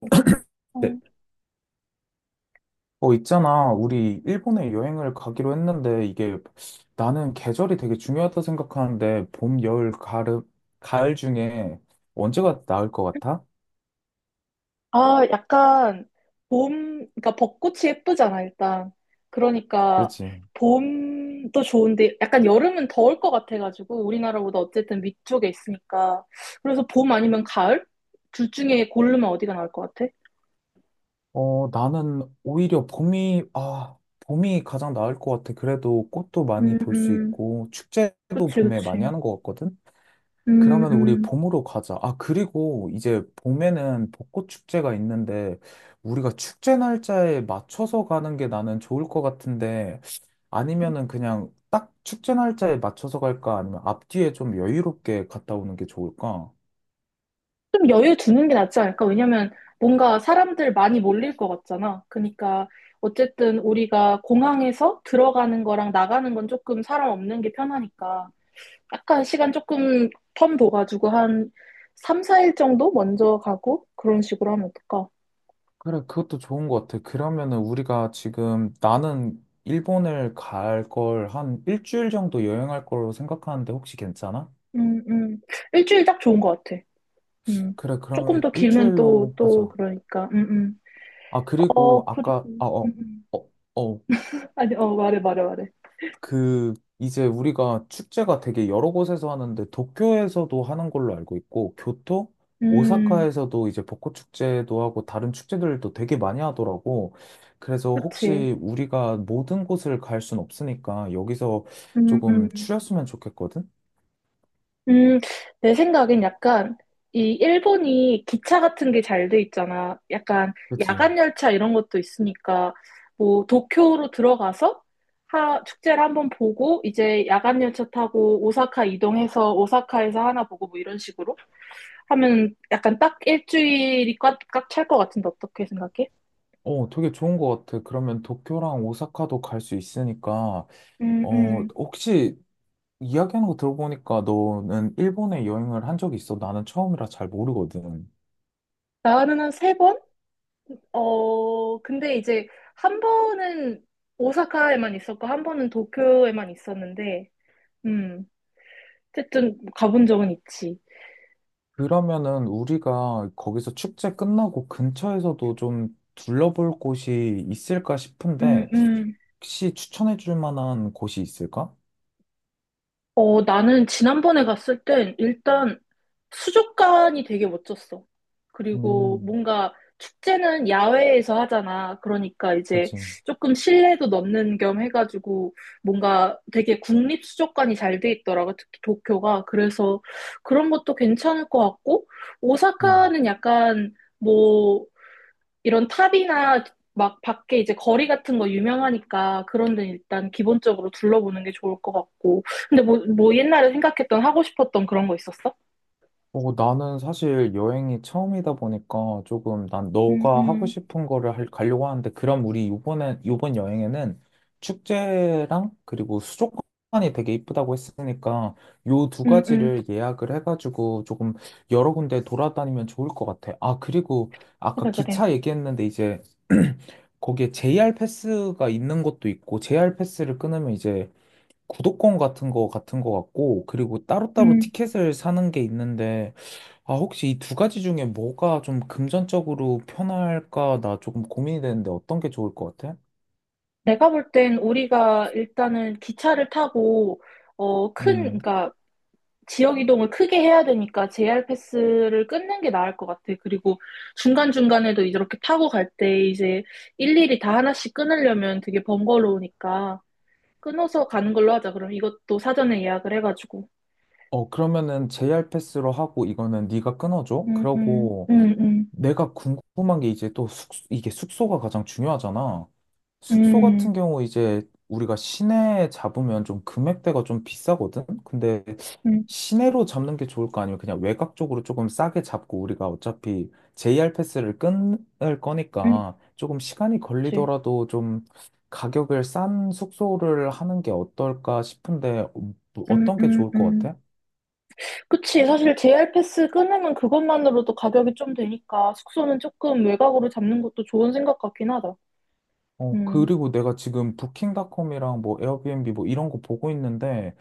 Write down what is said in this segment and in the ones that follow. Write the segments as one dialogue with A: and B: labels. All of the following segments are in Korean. A: 그러니까,
B: 네.
A: 어.
B: 있잖아. 우리 일본에 여행을 가기로 했는데 이게 나는 계절이 되게 중요하다 생각하는데 봄, 여름, 가을 중에 언제가 나을 것 같아?
A: 아, 약간 봄, 그러니까 벚꽃이 예쁘잖아, 일단. 그러니까
B: 그렇지.
A: 봄도 좋은데 약간 여름은 더울 것 같아가지고 우리나라보다 어쨌든 위쪽에 있으니까. 그래서 봄 아니면 가을? 둘 중에 고르면 어디가 나을 것 같아?
B: 나는 오히려 봄이 가장 나을 것 같아. 그래도 꽃도 많이
A: 음,
B: 볼 수
A: 음.
B: 있고 축제도
A: 그치,
B: 봄에 많이
A: 그치.
B: 하는 것 같거든?
A: 음,
B: 그러면 우리
A: 음.
B: 봄으로 가자. 아, 그리고 이제 봄에는 벚꽃 축제가 있는데 우리가 축제 날짜에 맞춰서 가는 게 나는 좋을 것 같은데 아니면은 그냥 딱 축제 날짜에 맞춰서 갈까? 아니면 앞뒤에 좀 여유롭게 갔다 오는 게 좋을까?
A: 좀 여유 두는 게 낫지 않을까? 왜냐면 뭔가 사람들 많이 몰릴 것 같잖아. 그러니까 어쨌든 우리가 공항에서 들어가는 거랑 나가는 건 조금 사람 없는 게 편하니까 약간 시간 조금 텀 둬가지고 한 3, 4일 정도 먼저 가고 그런 식으로 하면 어떨까?
B: 그래, 그것도 좋은 것 같아. 그러면은 우리가 지금 나는 일본을 갈 걸 한 일주일 정도 여행할 걸로 생각하는데 혹시 괜찮아?
A: 음, 음. 일주일 딱 좋은 것 같아. 음.
B: 그래,
A: 조금
B: 그러면
A: 더 길면 또,
B: 일주일로
A: 또
B: 하자.
A: 그러니까. 음.
B: 아,
A: 어,
B: 그리고
A: 그리고.
B: 아까, 아, 어, 어, 어,
A: 아니, 어, 말해, 말해, 말해.
B: 그, 이제 우리가 축제가 되게 여러 곳에서 하는데, 도쿄에서도 하는 걸로 알고 있고, 교토?
A: 음,
B: 오사카에서도 이제 벚꽃 축제도 하고, 다른 축제들도 되게 많이 하더라고. 그래서
A: 그치.
B: 혹시 우리가 모든 곳을 갈 순 없으니까, 여기서
A: 음,
B: 조금
A: 음.
B: 추렸으면 좋겠거든?
A: 음, 내 생각엔 약간 이 일본이 기차 같은 게 잘 돼 있잖아. 약간
B: 그치?
A: 야간 열차 이런 것도 있으니까 뭐 도쿄로 들어가서 하, 축제를 한번 보고 이제 야간 열차 타고 오사카 이동해서 오사카에서 하나 보고 뭐 이런 식으로 하면 약간 딱 일주일이 꽉꽉 찰 것 같은데 어떻게 생각해?
B: 되게 좋은 것 같아. 그러면 도쿄랑 오사카도 갈 수 있으니까,
A: 음, 음.
B: 혹시 이야기하는 거 들어보니까 너는 일본에 여행을 한 적이 있어? 나는 처음이라 잘 모르거든.
A: 나는 한 세 번? 어, 근데 이제 한 번은 오사카에만 있었고 한 번은 도쿄에만 있었는데 음, 어쨌든 가본 적은 있지.
B: 그러면은 우리가 거기서 축제 끝나고 근처에서도 좀 둘러볼 곳이 있을까
A: 음,
B: 싶은데
A: 음.
B: 혹시 추천해 줄 만한 곳이 있을까?
A: 어, 나는 지난번에 갔을 땐 일단 수족관이 되게 멋졌어. 그리고
B: 음,
A: 뭔가 축제는 야외에서 하잖아. 그러니까 이제
B: 그치.
A: 조금 실내도 넣는 겸 해가지고 뭔가 되게 국립 수족관이 잘 돼 있더라고. 특히 도쿄가. 그래서 그런 것도 괜찮을 것 같고,
B: 음.
A: 오사카는 약간 뭐 이런 탑이나 막 밖에 이제 거리 같은 거 유명하니까 그런 데는 일단 기본적으로 둘러보는 게 좋을 것 같고. 근데 뭐, 뭐 옛날에 생각했던 하고 싶었던 그런 거 있었어?
B: 나는 사실 여행이 처음이다 보니까 조금 난
A: 음,
B: 너가 하고
A: 음,
B: 싶은 거를 가려고 하는데 그럼 우리 이번에 이번 여행에는 축제랑 그리고 수족관이 되게 이쁘다고 했으니까 요 두
A: 음, 음,
B: 가지를 예약을 해가지고 조금 여러 군데 돌아다니면 좋을 것 같아. 아, 그리고 아까
A: 그래, 그래.
B: 기차 얘기했는데 이제 거기에 JR 패스가 있는 것도 있고 JR 패스를 끊으면 이제 구독권 같은 거 같고, 그리고 따로따로
A: 음,
B: 티켓을 사는 게 있는데, 아, 혹시 이 두 가지 중에 뭐가 좀 금전적으로 편할까? 나 조금 고민이 되는데 어떤 게 좋을 것 같아?
A: 내가 볼 땐 우리가 일단은 기차를 타고, 어, 큰,
B: 음,
A: 그러니까 지역 이동을 크게 해야 되니까 JR 패스를 끊는 게 나을 것 같아. 그리고 중간중간에도 이렇게 타고 갈 때 이제 일일이 다 하나씩 끊으려면 되게 번거로우니까. 끊어서 가는 걸로 하자. 그럼 이것도 사전에 예약을 해가지고.
B: 그러면은 JR 패스로 하고 이거는 네가 끊어줘.
A: 음, 음,
B: 그러고
A: 음, 음,
B: 내가 궁금한 게 이제 또 이게 숙소가 가장 중요하잖아. 숙소 같은
A: 음,
B: 경우 이제 우리가 시내에 잡으면 좀 금액대가 좀 비싸거든? 근데
A: 음, 음,
B: 시내로 잡는 게 좋을까? 아니면 그냥 외곽 쪽으로 조금 싸게 잡고 우리가 어차피 JR 패스를 끊을
A: 음,
B: 거니까 조금 시간이
A: 그치.
B: 걸리더라도 좀 가격을 싼 숙소를 하는 게 어떨까 싶은데
A: 음,
B: 어떤 게
A: 음,
B: 좋을 것
A: 음.
B: 같아?
A: 그치. 사실 JR 패스 끊으면 그것만으로도 가격이 좀 되니까 숙소는 조금 외곽으로 잡는 것도 좋은 생각 같긴 하다. 음,
B: 그리고 내가 지금 부킹닷컴이랑 뭐 에어비앤비 뭐 이런 거 보고 있는데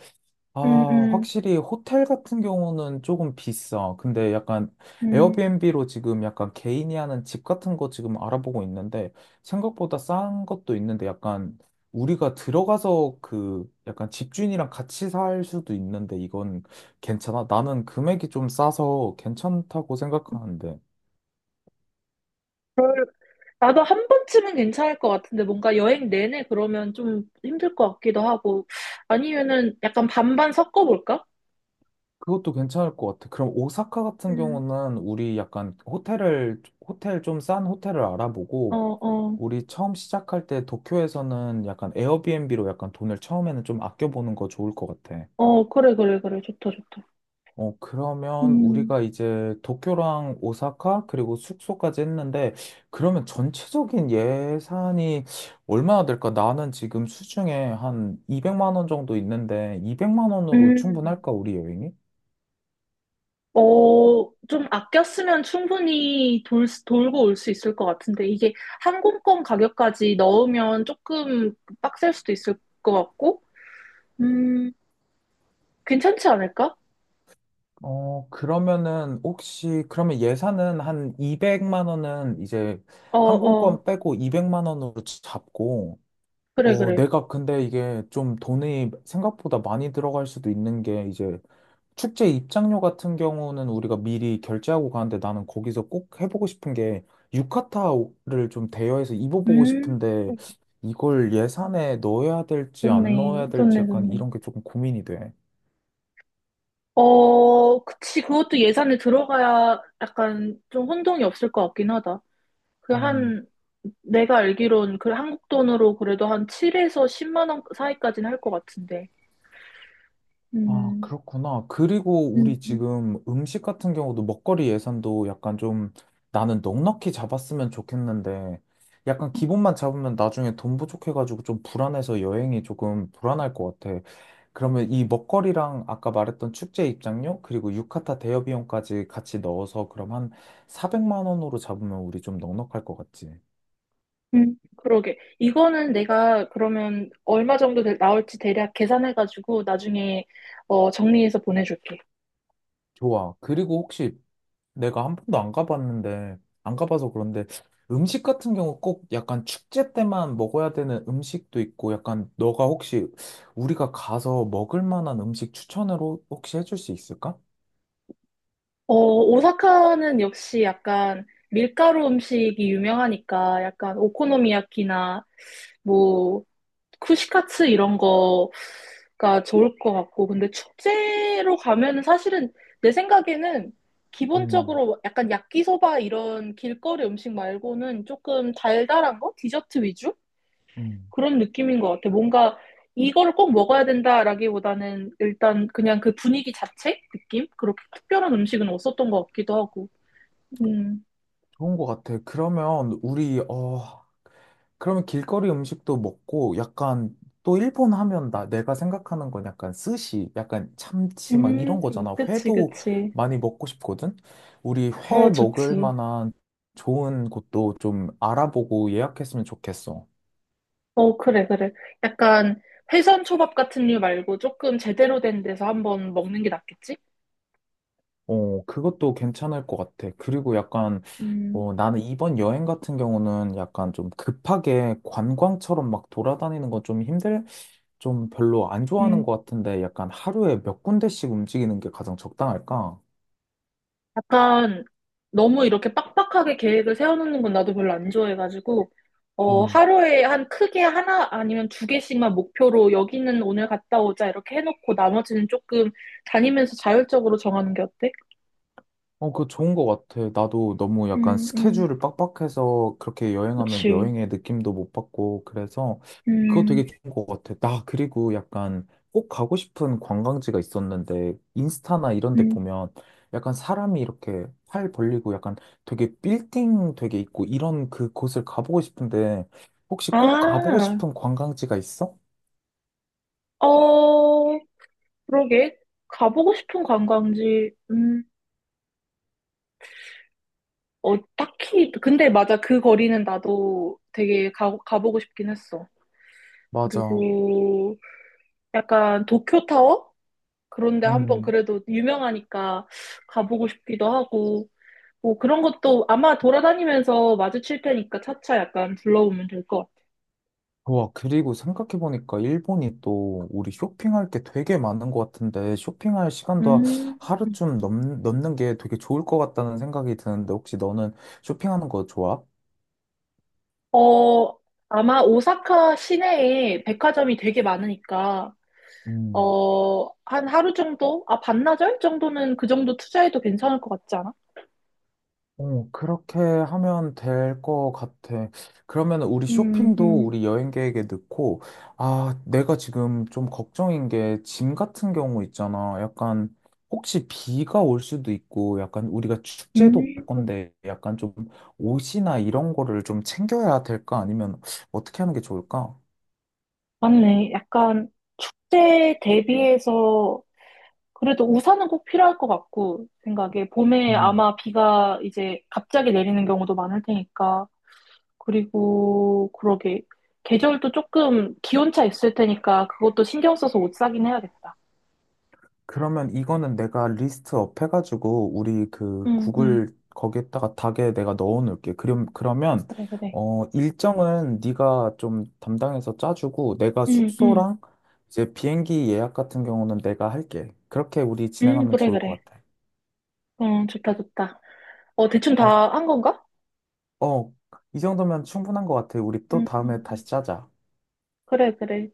A: 음,
B: 아,
A: 음,
B: 확실히 호텔 같은 경우는 조금 비싸. 근데 약간
A: 음.
B: 에어비앤비로 지금 약간 개인이 하는 집 같은 거 지금 알아보고 있는데 생각보다 싼 것도 있는데 약간 우리가 들어가서 그 약간 집주인이랑 같이 살 수도 있는데 이건 괜찮아? 나는 금액이 좀 싸서 괜찮다고 생각하는데
A: 나도 한 번쯤은 괜찮을 것 같은데 뭔가 여행 내내 그러면 좀 힘들 것 같기도 하고 아니면은 약간 반반 섞어볼까?
B: 그것도 괜찮을 것 같아. 그럼 오사카 같은
A: 음,
B: 경우는 우리 약간 호텔 좀 싼 호텔을
A: 어,
B: 알아보고
A: 어,
B: 우리 처음 시작할 때 도쿄에서는 약간 에어비앤비로 약간 돈을 처음에는 좀 아껴보는 거 좋을 것 같아.
A: 어, 그래, 그래, 그래. 좋다, 좋다.
B: 그러면
A: 음.
B: 우리가 이제 도쿄랑 오사카 그리고 숙소까지 했는데 그러면 전체적인 예산이 얼마나 될까? 나는 지금 수중에 한 200만 원 정도 있는데 200만 원으로
A: 음,
B: 충분할까? 우리 여행이?
A: 어, 좀 아꼈으면 충분히 돌고 올 수 있을 것 같은데, 이게 항공권 가격까지 넣으면 조금 빡셀 수도 있을 것 같고, 음, 괜찮지 않을까?
B: 그러면은 혹시 그러면 예산은 한 200만 원은 이제
A: 어, 어,
B: 항공권 빼고 200만 원으로 잡고
A: 그래, 그래.
B: 내가 근데 이게 좀 돈이 생각보다 많이 들어갈 수도 있는 게 이제 축제 입장료 같은 경우는 우리가 미리 결제하고 가는데 나는 거기서 꼭 해보고 싶은 게 유카타를 좀 대여해서 입어보고
A: 음,
B: 싶은데 이걸 예산에 넣어야 될지 안
A: 좋네,
B: 넣어야 될지
A: 좋네,
B: 약간
A: 좋네.
B: 이런 게 조금 고민이 돼.
A: 어, 그치, 그것도 예산에 들어가야 약간 좀 혼동이 없을 것 같긴 하다. 그
B: 음.
A: 한, 내가 알기론 그 한국 돈으로 그래도 한 7에서 10만 원 사이까지는 할 것 같은데.
B: 아,
A: 음,
B: 그렇구나. 그리고
A: 음,
B: 우리
A: 음,
B: 지금 음식 같은 경우도 먹거리 예산도 약간 좀 나는 넉넉히 잡았으면 좋겠는데 약간 기본만 잡으면 나중에 돈 부족해가지고 좀 불안해서 여행이 조금 불안할 것 같아. 그러면 이 먹거리랑 아까 말했던 축제 입장료 그리고 유카타 대여 비용까지 같이 넣어서 그럼 한 400만 원으로 잡으면 우리 좀 넉넉할 것 같지?
A: 그러게. 이거는 내가 그러면 얼마 정도 나올지 대략 계산해가지고 나중에 어, 정리해서 보내줄게.
B: 좋아. 그리고 혹시 내가 한 번도 안 가봤는데, 안 가봐서 그런데 음식 같은 경우 꼭 약간 축제 때만 먹어야 되는 음식도 있고, 약간 너가 혹시 우리가 가서 먹을 만한 음식 추천으로 혹시 해줄 수 있을까?
A: 어, 오사카는 역시 약간 밀가루 음식이 유명하니까 약간 오코노미야키나 뭐 쿠시카츠 이런 거가 좋을 것 같고, 근데 축제로 가면은 사실은 내 생각에는
B: 음,
A: 기본적으로 약간 야끼소바 이런 길거리 음식 말고는 조금 달달한 거? 디저트 위주?
B: 음,
A: 그런 느낌인 것 같아. 뭔가 이걸 꼭 먹어야 된다라기보다는 일단 그냥 그 분위기 자체? 느낌? 그렇게 특별한 음식은 없었던 것 같기도 하고. 음,
B: 좋은 것 같아. 그러면 길거리 음식도 먹고 약간 또 일본 하면 나 내가 생각하는 건 약간 스시, 약간 참치 막
A: 음,
B: 이런 거잖아.
A: 그치,
B: 회도
A: 그치.
B: 많이 먹고 싶거든. 우리 회
A: 어,
B: 먹을
A: 좋지.
B: 만한 좋은 곳도 좀 알아보고 예약했으면 좋겠어.
A: 어, 그래, 그래. 약간 회선 초밥 같은 류 말고 조금 제대로 된 데서 한번 먹는 게 낫겠지?
B: 그것도 괜찮을 것 같아. 그리고 약간
A: 음,
B: 나는 이번 여행 같은 경우는 약간 좀 급하게 관광처럼 막 돌아다니는 건 좀 별로 안 좋아하는
A: 음,
B: 것 같은데 약간 하루에 몇 군데씩 움직이는 게 가장 적당할까?
A: 약간 너무 이렇게 빡빡하게 계획을 세워놓는 건 나도 별로 안 좋아해가지고, 어,
B: 음,
A: 하루에 한 크게 하나 아니면 두 개씩만 목표로 여기는 오늘 갔다 오자 이렇게 해놓고 나머지는 조금 다니면서 자율적으로 정하는 게 어때?
B: 그거 좋은 것 같아. 나도 너무 약간
A: 음, 음,
B: 스케줄을 빡빡해서 그렇게 여행하면
A: 그치.
B: 여행의 느낌도 못 받고 그래서 그거
A: 음,
B: 되게 좋은 것 같아. 나 그리고 약간 꼭 가고 싶은 관광지가 있었는데 인스타나 이런 데
A: 음.
B: 보면 약간 사람이 이렇게 팔 벌리고 약간 되게 빌딩 되게 있고 이런 그 곳을 가보고 싶은데 혹시 꼭 가보고
A: 아,
B: 싶은 관광지가 있어?
A: 어, 그러게. 가보고 싶은 관광지, 어, 딱히, 근데 맞아. 그 거리는 나도 되게 가보고 싶긴 했어.
B: 맞아.
A: 그리고 약간 도쿄타워? 그런데 한번
B: 음,
A: 그래도 유명하니까 가보고 싶기도 하고, 뭐 그런 것도 아마 돌아다니면서 마주칠 테니까 차차 약간 둘러보면 될 것 같아.
B: 와, 그리고 생각해보니까 일본이 또 우리 쇼핑할 게 되게 많은 것 같은데 쇼핑할 시간도
A: 음,
B: 하루쯤 넘는 게 되게 좋을 것 같다는 생각이 드는데 혹시 너는 쇼핑하는 거 좋아?
A: 어, 아마 오사카 시내에 백화점이 되게 많으니까,
B: 음.
A: 어, 한 하루 정도? 아, 반나절 정도는 그 정도 투자해도 괜찮을 것 같지 않아?
B: 그렇게 하면 될 것 같아. 그러면 우리
A: 음,
B: 쇼핑도
A: 음,
B: 우리 여행 계획에 넣고, 아, 내가 지금 좀 걱정인 게 짐 같은 경우 있잖아. 약간 혹시 비가 올 수도 있고, 약간 우리가 축제도 갈
A: 음,
B: 건데, 약간 좀 옷이나 이런 거를 좀 챙겨야 될까? 아니면 어떻게 하는 게 좋을까?
A: 맞네. 약간 축제 대비해서 그래도 우산은 꼭 필요할 것 같고, 생각에. 봄에
B: 음.
A: 아마 비가 이제 갑자기 내리는 경우도 많을 테니까. 그리고, 그러게. 계절도 조금 기온차 있을 테니까 그것도 신경 써서 옷 사긴 해야겠다.
B: 그러면 이거는 내가 리스트업 해가지고 우리 그
A: 응, 응.
B: 구글 거기에다가 닥에 내가 넣어놓을게. 그럼 그러면
A: 그래, 그래.
B: 어 일정은 네가 좀 담당해서 짜주고 내가
A: 응, 응.
B: 숙소랑 이제 비행기 예약 같은 경우는 내가 할게. 그렇게 우리
A: 응,
B: 진행하면
A: 그래,
B: 좋을
A: 그래.
B: 것 같아.
A: 응, 좋다, 좋다. 어, 대충
B: 어,
A: 다 한 건가?
B: 어, 이 정도면 충분한 것 같아. 우리
A: 음,
B: 또
A: 음,
B: 다음에 다시
A: 음.
B: 짜자.
A: 그래, 그래.